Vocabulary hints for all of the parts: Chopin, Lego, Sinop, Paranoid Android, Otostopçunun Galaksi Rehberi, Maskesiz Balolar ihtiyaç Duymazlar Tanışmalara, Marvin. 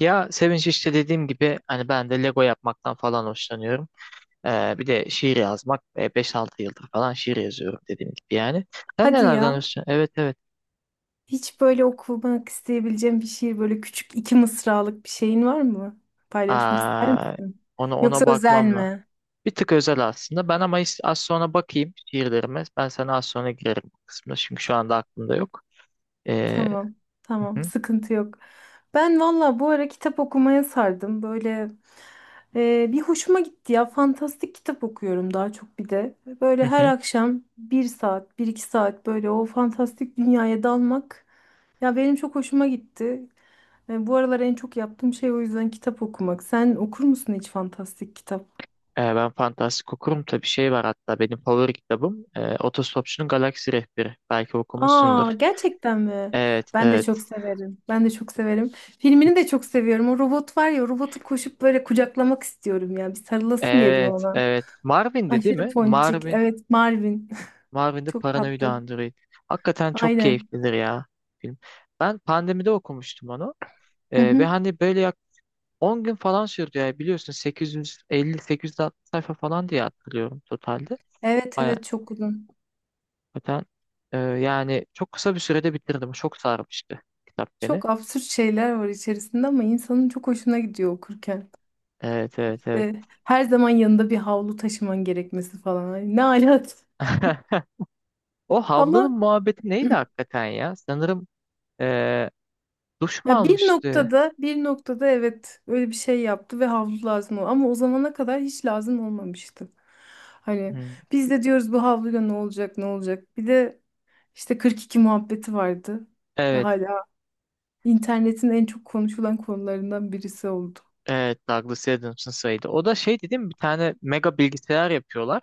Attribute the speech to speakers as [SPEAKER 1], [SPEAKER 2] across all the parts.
[SPEAKER 1] Ya Sevinç işte dediğim gibi hani ben de Lego yapmaktan falan hoşlanıyorum. Bir de şiir yazmak. 5-6 yıldır falan şiir yazıyorum dediğim gibi yani. Sen
[SPEAKER 2] Hadi
[SPEAKER 1] nelerden
[SPEAKER 2] ya.
[SPEAKER 1] hoşlanıyorsun? Evet, evet.
[SPEAKER 2] Hiç böyle okumak isteyebileceğim bir şiir, böyle küçük iki mısralık bir şeyin var mı? Paylaşmak ister
[SPEAKER 1] Aa,
[SPEAKER 2] misin?
[SPEAKER 1] ona
[SPEAKER 2] Yoksa özel
[SPEAKER 1] bakmamla.
[SPEAKER 2] mi?
[SPEAKER 1] Bir tık özel aslında. Ben ama az sonra bakayım şiirlerime. Ben sana az sonra girerim bu kısmına. Çünkü şu anda aklımda yok. Ee,
[SPEAKER 2] Tamam,
[SPEAKER 1] hı
[SPEAKER 2] tamam,
[SPEAKER 1] hı,
[SPEAKER 2] sıkıntı yok. Ben valla bu ara kitap okumaya sardım. Böyle bir hoşuma gitti ya. Fantastik kitap okuyorum daha çok bir de.
[SPEAKER 1] hı
[SPEAKER 2] Böyle her
[SPEAKER 1] hı.
[SPEAKER 2] akşam bir saat, bir iki saat böyle o fantastik dünyaya dalmak. Ya benim çok hoşuma gitti. Bu aralar en çok yaptığım şey o yüzden kitap okumak. Sen okur musun hiç fantastik kitap?
[SPEAKER 1] Ben fantastik okurum. Tabii şey var hatta benim favori kitabım. Otostopçunun Galaksi Rehberi. Belki okumuşsundur.
[SPEAKER 2] Aa, gerçekten mi?
[SPEAKER 1] Evet,
[SPEAKER 2] Ben de
[SPEAKER 1] evet.
[SPEAKER 2] çok severim. Ben de çok severim. Filmini de çok seviyorum. O robot var ya, o robotu koşup böyle kucaklamak istiyorum ya. Bir sarılasım geliyor
[SPEAKER 1] Evet,
[SPEAKER 2] ona.
[SPEAKER 1] evet. Marvin'di değil
[SPEAKER 2] Aşırı
[SPEAKER 1] mi?
[SPEAKER 2] ponçik. Evet, Marvin.
[SPEAKER 1] Marvin'de
[SPEAKER 2] Çok
[SPEAKER 1] Paranoid
[SPEAKER 2] tatlı.
[SPEAKER 1] Android. Hakikaten çok
[SPEAKER 2] Aynen.
[SPEAKER 1] keyiflidir ya film. Ben pandemide okumuştum onu.
[SPEAKER 2] Hı
[SPEAKER 1] Ve
[SPEAKER 2] hı.
[SPEAKER 1] hani böyle 10 gün falan sürdü ya biliyorsun 850-860 sayfa falan diye hatırlıyorum totalde.
[SPEAKER 2] Evet,
[SPEAKER 1] Baya
[SPEAKER 2] evet, çok uzun.
[SPEAKER 1] hakikaten yani çok kısa bir sürede bitirdim. Çok sarmıştı kitap beni.
[SPEAKER 2] Çok absürt şeyler var içerisinde ama insanın çok hoşuna gidiyor okurken.
[SPEAKER 1] Evet, evet, evet.
[SPEAKER 2] İşte her zaman yanında bir havlu taşıman gerekmesi falan. Ay, ne alat.
[SPEAKER 1] O
[SPEAKER 2] Ama
[SPEAKER 1] havlanın muhabbeti neydi hakikaten ya? Sanırım e, duş mu
[SPEAKER 2] ya bir
[SPEAKER 1] almıştı?
[SPEAKER 2] noktada, bir noktada evet öyle bir şey yaptı ve havlu lazım oldu. Ama o zamana kadar hiç lazım olmamıştı. Hani
[SPEAKER 1] Hı.
[SPEAKER 2] biz de diyoruz bu havluyla ne olacak, ne olacak. Bir de işte 42 muhabbeti vardı. Ve
[SPEAKER 1] Evet,
[SPEAKER 2] hala internetin en çok konuşulan konularından birisi oldu.
[SPEAKER 1] Evet, Douglas Adams'ın sayıydı. O da şey dedim bir tane mega bilgisayar yapıyorlar.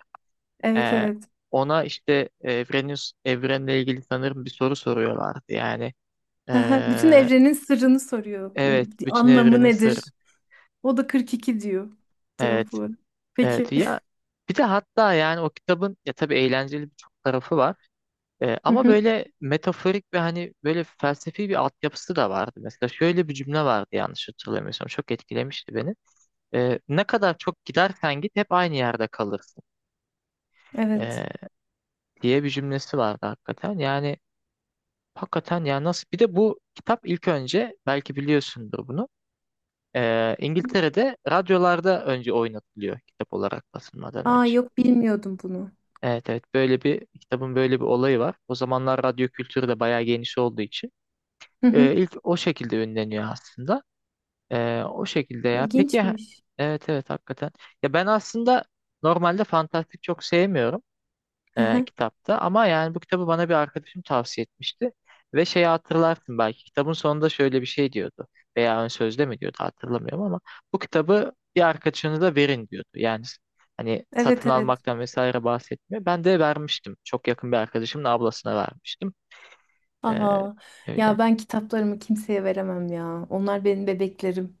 [SPEAKER 2] Evet,
[SPEAKER 1] Ee,
[SPEAKER 2] evet.
[SPEAKER 1] ona işte evrenle ilgili sanırım bir soru soruyorlardı. Yani
[SPEAKER 2] Bütün
[SPEAKER 1] ee,
[SPEAKER 2] evrenin sırrını soruyor.
[SPEAKER 1] evet, bütün
[SPEAKER 2] Anlamı
[SPEAKER 1] evrenin sırrı.
[SPEAKER 2] nedir? O da 42 diyor
[SPEAKER 1] Evet,
[SPEAKER 2] cevapları.
[SPEAKER 1] evet,
[SPEAKER 2] Peki.
[SPEAKER 1] ya bir de hatta yani o kitabın ya tabii eğlenceli birçok tarafı var.
[SPEAKER 2] Hı
[SPEAKER 1] Ama
[SPEAKER 2] hı,
[SPEAKER 1] böyle metaforik ve hani böyle felsefi bir altyapısı da vardı. Mesela şöyle bir cümle vardı yanlış hatırlamıyorsam çok etkilemişti beni. Ne kadar çok gidersen git hep aynı yerde kalırsın,
[SPEAKER 2] evet.
[SPEAKER 1] diye bir cümlesi vardı hakikaten. Yani hakikaten yani nasıl bir de bu kitap ilk önce belki biliyorsundur bunu. İngiltere'de radyolarda önce oynatılıyor kitap olarak basılmadan
[SPEAKER 2] Aa,
[SPEAKER 1] önce.
[SPEAKER 2] yok, bilmiyordum bunu.
[SPEAKER 1] Evet, evet, böyle bir kitabın böyle bir olayı var. O zamanlar radyo kültürü de bayağı geniş olduğu için
[SPEAKER 2] Hı hı.
[SPEAKER 1] ilk o şekilde ünleniyor aslında. O şekilde ya. Peki
[SPEAKER 2] İlginçmiş.
[SPEAKER 1] evet, evet, hakikaten. Ya ben aslında normalde fantastik çok sevmiyorum
[SPEAKER 2] Hı hı.
[SPEAKER 1] kitapta. Ama yani bu kitabı bana bir arkadaşım tavsiye etmişti. Ve şeyi hatırlarsın belki kitabın sonunda şöyle bir şey diyordu. Veya ön sözde mi diyordu hatırlamıyorum ama bu kitabı bir arkadaşınıza verin diyordu. Yani hani
[SPEAKER 2] Evet,
[SPEAKER 1] satın
[SPEAKER 2] evet.
[SPEAKER 1] almaktan vesaire bahsetmiyor. Ben de vermiştim. Çok yakın bir arkadaşımın ablasına vermiştim. E,
[SPEAKER 2] Aa,
[SPEAKER 1] öyle.
[SPEAKER 2] ya ben kitaplarımı kimseye veremem ya. Onlar benim bebeklerim.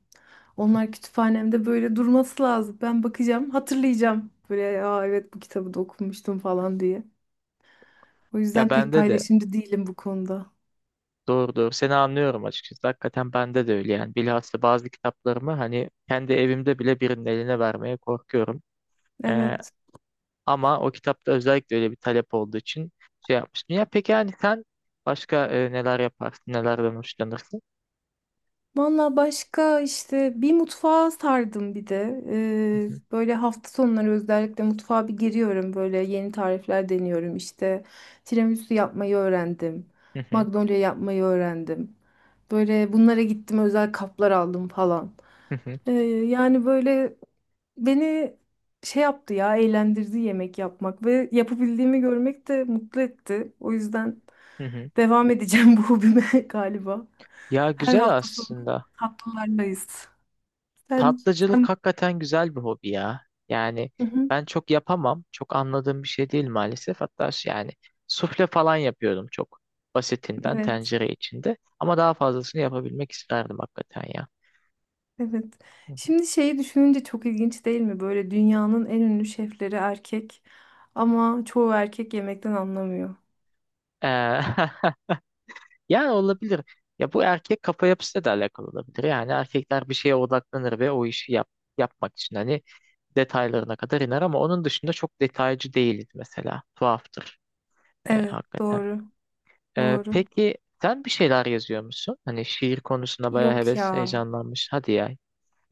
[SPEAKER 2] Onlar kütüphanemde böyle durması lazım. Ben bakacağım, hatırlayacağım. Böyle, aa evet, bu kitabı da okumuştum falan diye. O
[SPEAKER 1] Ya
[SPEAKER 2] yüzden pek
[SPEAKER 1] bende de
[SPEAKER 2] paylaşımcı değilim bu konuda.
[SPEAKER 1] doğru doğru seni anlıyorum açıkçası. Hakikaten bende de öyle yani. Bilhassa bazı kitaplarımı hani kendi evimde bile birinin eline vermeye korkuyorum. Ee,
[SPEAKER 2] Evet.
[SPEAKER 1] Ama o kitapta özellikle öyle bir talep olduğu için şey yapmıştım. Ya peki yani sen başka neler yaparsın, nelerden hoşlanırsın?
[SPEAKER 2] Valla başka işte bir mutfağa sardım bir de.
[SPEAKER 1] Hı hı,
[SPEAKER 2] Böyle hafta sonları özellikle mutfağa bir giriyorum. Böyle yeni tarifler deniyorum işte. Tiramisu yapmayı öğrendim.
[SPEAKER 1] hı hı,
[SPEAKER 2] Magnolia yapmayı öğrendim. Böyle bunlara gittim, özel kaplar aldım falan.
[SPEAKER 1] hı hı,
[SPEAKER 2] Ee, yani böyle beni şey yaptı ya, eğlendirdi yemek yapmak ve yapabildiğimi görmek de mutlu etti. O yüzden
[SPEAKER 1] hı hı.
[SPEAKER 2] devam edeceğim bu hobime galiba.
[SPEAKER 1] Ya
[SPEAKER 2] Her
[SPEAKER 1] güzel
[SPEAKER 2] hafta sonu
[SPEAKER 1] aslında.
[SPEAKER 2] tatlılardayız. Sen,
[SPEAKER 1] Tatlıcılık
[SPEAKER 2] sen.
[SPEAKER 1] hakikaten güzel bir hobi ya. Yani
[SPEAKER 2] Hı hı,
[SPEAKER 1] ben çok yapamam. Çok anladığım bir şey değil maalesef. Hatta şey yani sufle falan yapıyordum çok basitinden
[SPEAKER 2] evet,
[SPEAKER 1] tencere içinde. Ama daha fazlasını yapabilmek isterdim hakikaten ya.
[SPEAKER 2] evet. Şimdi şeyi düşününce çok ilginç değil mi? Böyle dünyanın en ünlü şefleri erkek ama çoğu erkek yemekten anlamıyor.
[SPEAKER 1] Ee, Yani olabilir. Ya bu erkek kafa yapısıyla da alakalı olabilir. Yani erkekler bir şeye odaklanır ve o işi yapmak için hani detaylarına kadar iner ama onun dışında çok detaycı değiliz mesela. Tuhaftır
[SPEAKER 2] Evet,
[SPEAKER 1] hakikaten.
[SPEAKER 2] doğru,
[SPEAKER 1] E,
[SPEAKER 2] doğru.
[SPEAKER 1] peki sen bir şeyler yazıyor musun? Hani şiir konusunda bayağı
[SPEAKER 2] Yok ya.
[SPEAKER 1] heyecanlanmış. Hadi ya.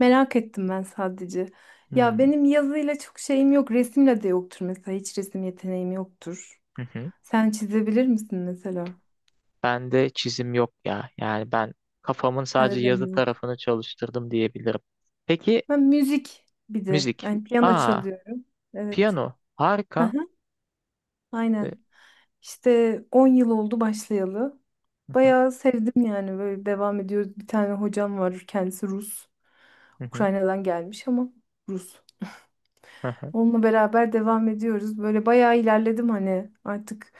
[SPEAKER 2] Merak ettim ben sadece. Ya
[SPEAKER 1] Hmm.
[SPEAKER 2] benim yazıyla çok şeyim yok, resimle de yoktur mesela. Hiç resim yeteneğim yoktur.
[SPEAKER 1] Hı hı.
[SPEAKER 2] Sen çizebilir misin mesela?
[SPEAKER 1] Ben de çizim yok ya. Yani ben kafamın
[SPEAKER 2] Sende
[SPEAKER 1] sadece
[SPEAKER 2] de
[SPEAKER 1] yazı
[SPEAKER 2] mi yok?
[SPEAKER 1] tarafını çalıştırdım diyebilirim. Peki
[SPEAKER 2] Ben müzik bir de.
[SPEAKER 1] müzik.
[SPEAKER 2] Yani piyano
[SPEAKER 1] Aa,
[SPEAKER 2] çalıyorum. Evet.
[SPEAKER 1] piyano.
[SPEAKER 2] Aha,
[SPEAKER 1] Harika. E,
[SPEAKER 2] aynen. İşte 10 yıl oldu başlayalı.
[SPEAKER 1] hı hı.
[SPEAKER 2] Bayağı sevdim, yani böyle devam ediyoruz. Bir tane hocam var, kendisi Rus.
[SPEAKER 1] Hı hı.
[SPEAKER 2] Ukrayna'dan gelmiş ama Rus.
[SPEAKER 1] Hı hı.
[SPEAKER 2] Onunla beraber devam ediyoruz. Böyle bayağı ilerledim, hani artık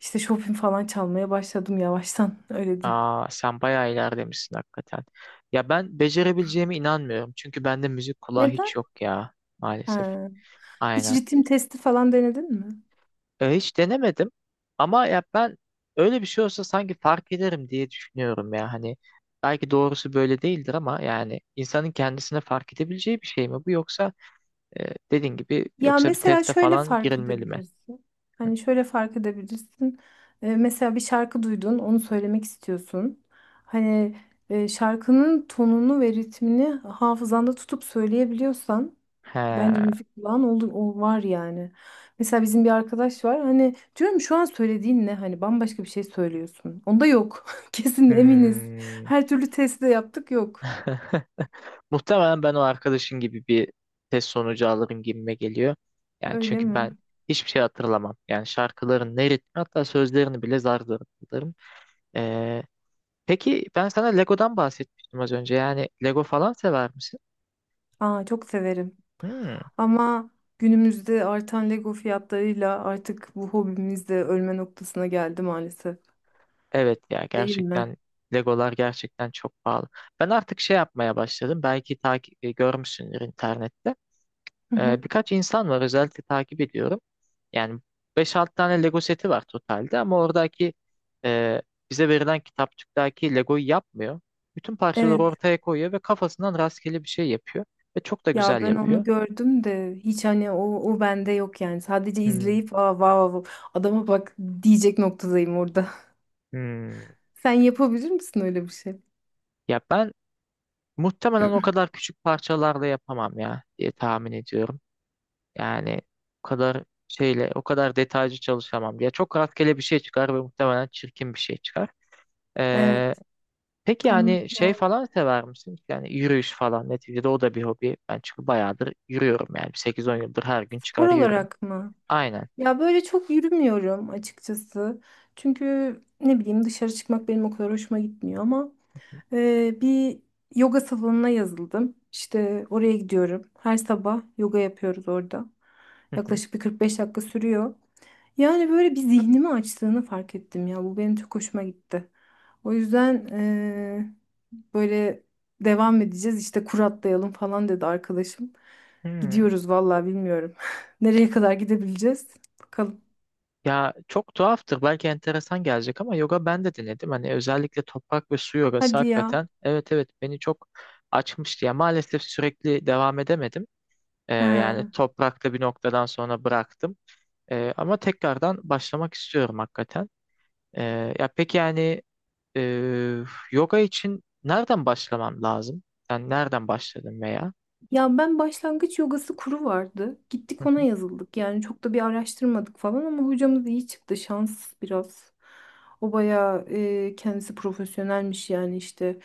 [SPEAKER 2] işte Chopin falan çalmaya başladım yavaştan, öyle diyeyim.
[SPEAKER 1] Aa, sen bayağı ilerlemişsin hakikaten. Ya ben becerebileceğime inanmıyorum. Çünkü bende müzik kulağı
[SPEAKER 2] Neden?
[SPEAKER 1] hiç yok ya maalesef.
[SPEAKER 2] Ha. Hiç
[SPEAKER 1] Aynen.
[SPEAKER 2] ritim testi falan denedin mi?
[SPEAKER 1] Hiç denemedim. Ama ya ben öyle bir şey olsa sanki fark ederim diye düşünüyorum ya. Hani belki doğrusu böyle değildir ama yani insanın kendisine fark edebileceği bir şey mi bu yoksa dediğin gibi
[SPEAKER 2] Ya
[SPEAKER 1] yoksa bir
[SPEAKER 2] mesela
[SPEAKER 1] teste
[SPEAKER 2] şöyle
[SPEAKER 1] falan
[SPEAKER 2] fark
[SPEAKER 1] girilmeli mi?
[SPEAKER 2] edebilirsin. Hani şöyle fark edebilirsin. Mesela bir şarkı duydun, onu söylemek istiyorsun. Hani şarkının tonunu ve ritmini hafızanda tutup söyleyebiliyorsan bence
[SPEAKER 1] He.
[SPEAKER 2] müzik kulağın oldu, o var yani. Mesela bizim bir arkadaş var. Hani diyorum, şu an söylediğin ne? Hani bambaşka bir şey söylüyorsun. Onda yok. Kesin eminiz.
[SPEAKER 1] Hmm.
[SPEAKER 2] Her türlü testi de yaptık, yok.
[SPEAKER 1] Muhtemelen ben o arkadaşın gibi bir test sonucu alırım gibime geliyor. Yani
[SPEAKER 2] Öyle
[SPEAKER 1] çünkü
[SPEAKER 2] mi?
[SPEAKER 1] ben hiçbir şey hatırlamam. Yani şarkıların ne ritmi hatta sözlerini bile zar zor hatırlarım. Ee, peki ben sana Lego'dan bahsetmiştim az önce. Yani Lego falan sever misin?
[SPEAKER 2] Aa, çok severim.
[SPEAKER 1] Hmm,
[SPEAKER 2] Ama günümüzde artan Lego fiyatlarıyla artık bu hobimiz de ölme noktasına geldi maalesef.
[SPEAKER 1] evet ya,
[SPEAKER 2] Değil mi?
[SPEAKER 1] gerçekten Legolar gerçekten çok pahalı. Ben artık şey yapmaya başladım. Belki görmüşsündür internette.
[SPEAKER 2] Hı hı.
[SPEAKER 1] Birkaç insan var özellikle takip ediyorum. Yani beş 6 tane Lego seti var totalde ama oradaki e, bize verilen kitapçıktaki Lego'yu yapmıyor. Bütün parçaları
[SPEAKER 2] Evet.
[SPEAKER 1] ortaya koyuyor ve kafasından rastgele bir şey yapıyor. Ve çok da
[SPEAKER 2] Ya
[SPEAKER 1] güzel
[SPEAKER 2] ben onu
[SPEAKER 1] yapıyor.
[SPEAKER 2] gördüm de hiç hani o bende yok yani. Sadece
[SPEAKER 1] Hmm,
[SPEAKER 2] izleyip, aa vav vav adama bak diyecek noktadayım orada.
[SPEAKER 1] hmm.
[SPEAKER 2] Sen yapabilir misin öyle bir şey?
[SPEAKER 1] Ya ben muhtemelen o kadar küçük parçalarla yapamam ya diye tahmin ediyorum. Yani o kadar şeyle, o kadar detaycı çalışamam. Ya çok rastgele bir şey çıkar ve muhtemelen çirkin bir şey çıkar.
[SPEAKER 2] Evet.
[SPEAKER 1] Peki
[SPEAKER 2] Anladım
[SPEAKER 1] yani şey
[SPEAKER 2] yani.
[SPEAKER 1] falan sever misin? Yani yürüyüş falan neticede o da bir hobi. Ben çünkü bayağıdır yürüyorum yani 8-10 yıldır her gün
[SPEAKER 2] Spor
[SPEAKER 1] çıkar yürüyorum.
[SPEAKER 2] olarak mı?
[SPEAKER 1] Aynen.
[SPEAKER 2] Ya böyle çok yürümüyorum açıkçası. Çünkü ne bileyim, dışarı çıkmak benim o kadar hoşuma gitmiyor ama bir yoga salonuna yazıldım. İşte oraya gidiyorum. Her sabah yoga yapıyoruz orada.
[SPEAKER 1] Hı hı.
[SPEAKER 2] Yaklaşık bir 45 dakika sürüyor. Yani böyle bir zihnimi açtığını fark ettim ya. Bu benim çok hoşuma gitti. O yüzden böyle devam edeceğiz. İşte kur atlayalım falan dedi arkadaşım.
[SPEAKER 1] Hmm.
[SPEAKER 2] Gidiyoruz vallahi, bilmiyorum. Nereye kadar gidebileceğiz? Bakalım.
[SPEAKER 1] Ya çok tuhaftır belki enteresan gelecek ama yoga ben de denedim. Hani özellikle toprak ve su yogası
[SPEAKER 2] Hadi ya.
[SPEAKER 1] hakikaten evet, evet, beni çok açmıştı. Ya maalesef sürekli devam edemedim. Yani
[SPEAKER 2] He.
[SPEAKER 1] toprakta bir noktadan sonra bıraktım. Ama tekrardan başlamak istiyorum hakikaten. Ya peki yani Ee, yoga için nereden başlamam lazım? Sen nereden başladın veya?
[SPEAKER 2] Ya ben, başlangıç yogası kuru vardı.
[SPEAKER 1] Hı
[SPEAKER 2] Gittik, ona
[SPEAKER 1] hı.
[SPEAKER 2] yazıldık. Yani çok da bir araştırmadık falan ama hocamız iyi çıktı. Şans biraz. O bayağı kendisi profesyonelmiş yani işte.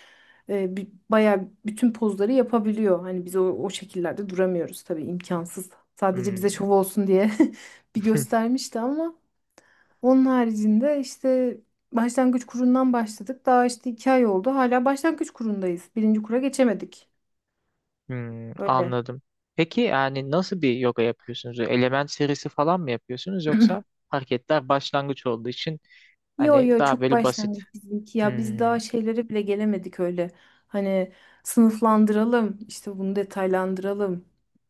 [SPEAKER 2] Bayağı bütün pozları yapabiliyor. Hani biz o şekillerde duramıyoruz tabii, imkansız. Sadece bize
[SPEAKER 1] Hmm.
[SPEAKER 2] şov olsun diye bir göstermişti ama onun haricinde işte başlangıç kurundan başladık. Daha işte 2 ay oldu. Hala başlangıç kurundayız. Birinci kura geçemedik. Öyle.
[SPEAKER 1] Anladım. Peki yani nasıl bir yoga yapıyorsunuz? Element serisi falan mı yapıyorsunuz yoksa hareketler başlangıç olduğu için
[SPEAKER 2] Yo
[SPEAKER 1] hani
[SPEAKER 2] yo,
[SPEAKER 1] daha
[SPEAKER 2] çok
[SPEAKER 1] böyle basit.
[SPEAKER 2] başlangıç bizimki ya, biz
[SPEAKER 1] Hmm,
[SPEAKER 2] daha şeylere bile gelemedik öyle. Hani sınıflandıralım işte, bunu detaylandıralım.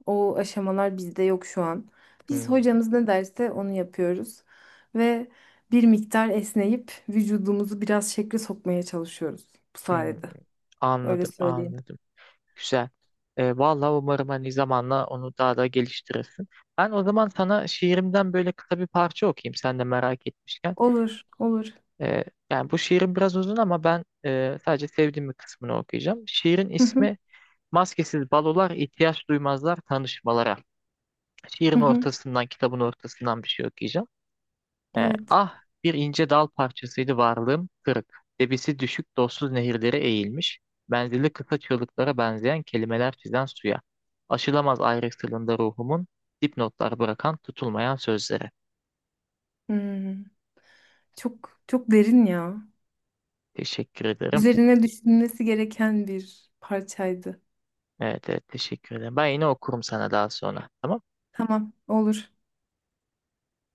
[SPEAKER 2] O aşamalar bizde yok şu an. Biz
[SPEAKER 1] hmm,
[SPEAKER 2] hocamız ne derse onu yapıyoruz ve bir miktar esneyip vücudumuzu biraz şekle sokmaya çalışıyoruz bu
[SPEAKER 1] hmm.
[SPEAKER 2] sayede. Öyle
[SPEAKER 1] Anladım,
[SPEAKER 2] söyleyeyim.
[SPEAKER 1] anladım. Güzel. Vallahi umarım hani zamanla onu daha da geliştirirsin. Ben o zaman sana şiirimden böyle kısa bir parça okuyayım sen de merak etmişken.
[SPEAKER 2] Olur, olur.
[SPEAKER 1] Ee, Yani bu şiirin biraz uzun ama ben sadece sevdiğim bir kısmını okuyacağım. Şiirin
[SPEAKER 2] Hı hı,
[SPEAKER 1] ismi Maskesiz Balolar ihtiyaç Duymazlar Tanışmalara.
[SPEAKER 2] hı
[SPEAKER 1] Şiirin
[SPEAKER 2] hı.
[SPEAKER 1] ortasından, kitabın ortasından bir şey okuyacağım. Ee,
[SPEAKER 2] Evet.
[SPEAKER 1] ah bir ince dal parçasıydı varlığım kırık. Debisi düşük dostsuz nehirlere eğilmiş. Menzili kısa çığlıklara benzeyen kelimeler çizen suya. Aşılamaz ayrıntılığında ruhumun dipnotlar bırakan tutulmayan sözlere.
[SPEAKER 2] Hmm. Çok çok derin ya.
[SPEAKER 1] Teşekkür ederim.
[SPEAKER 2] Üzerine düşünülmesi gereken bir parçaydı.
[SPEAKER 1] Evet, evet teşekkür ederim. Ben yine okurum sana daha sonra. Tamam
[SPEAKER 2] Tamam, olur.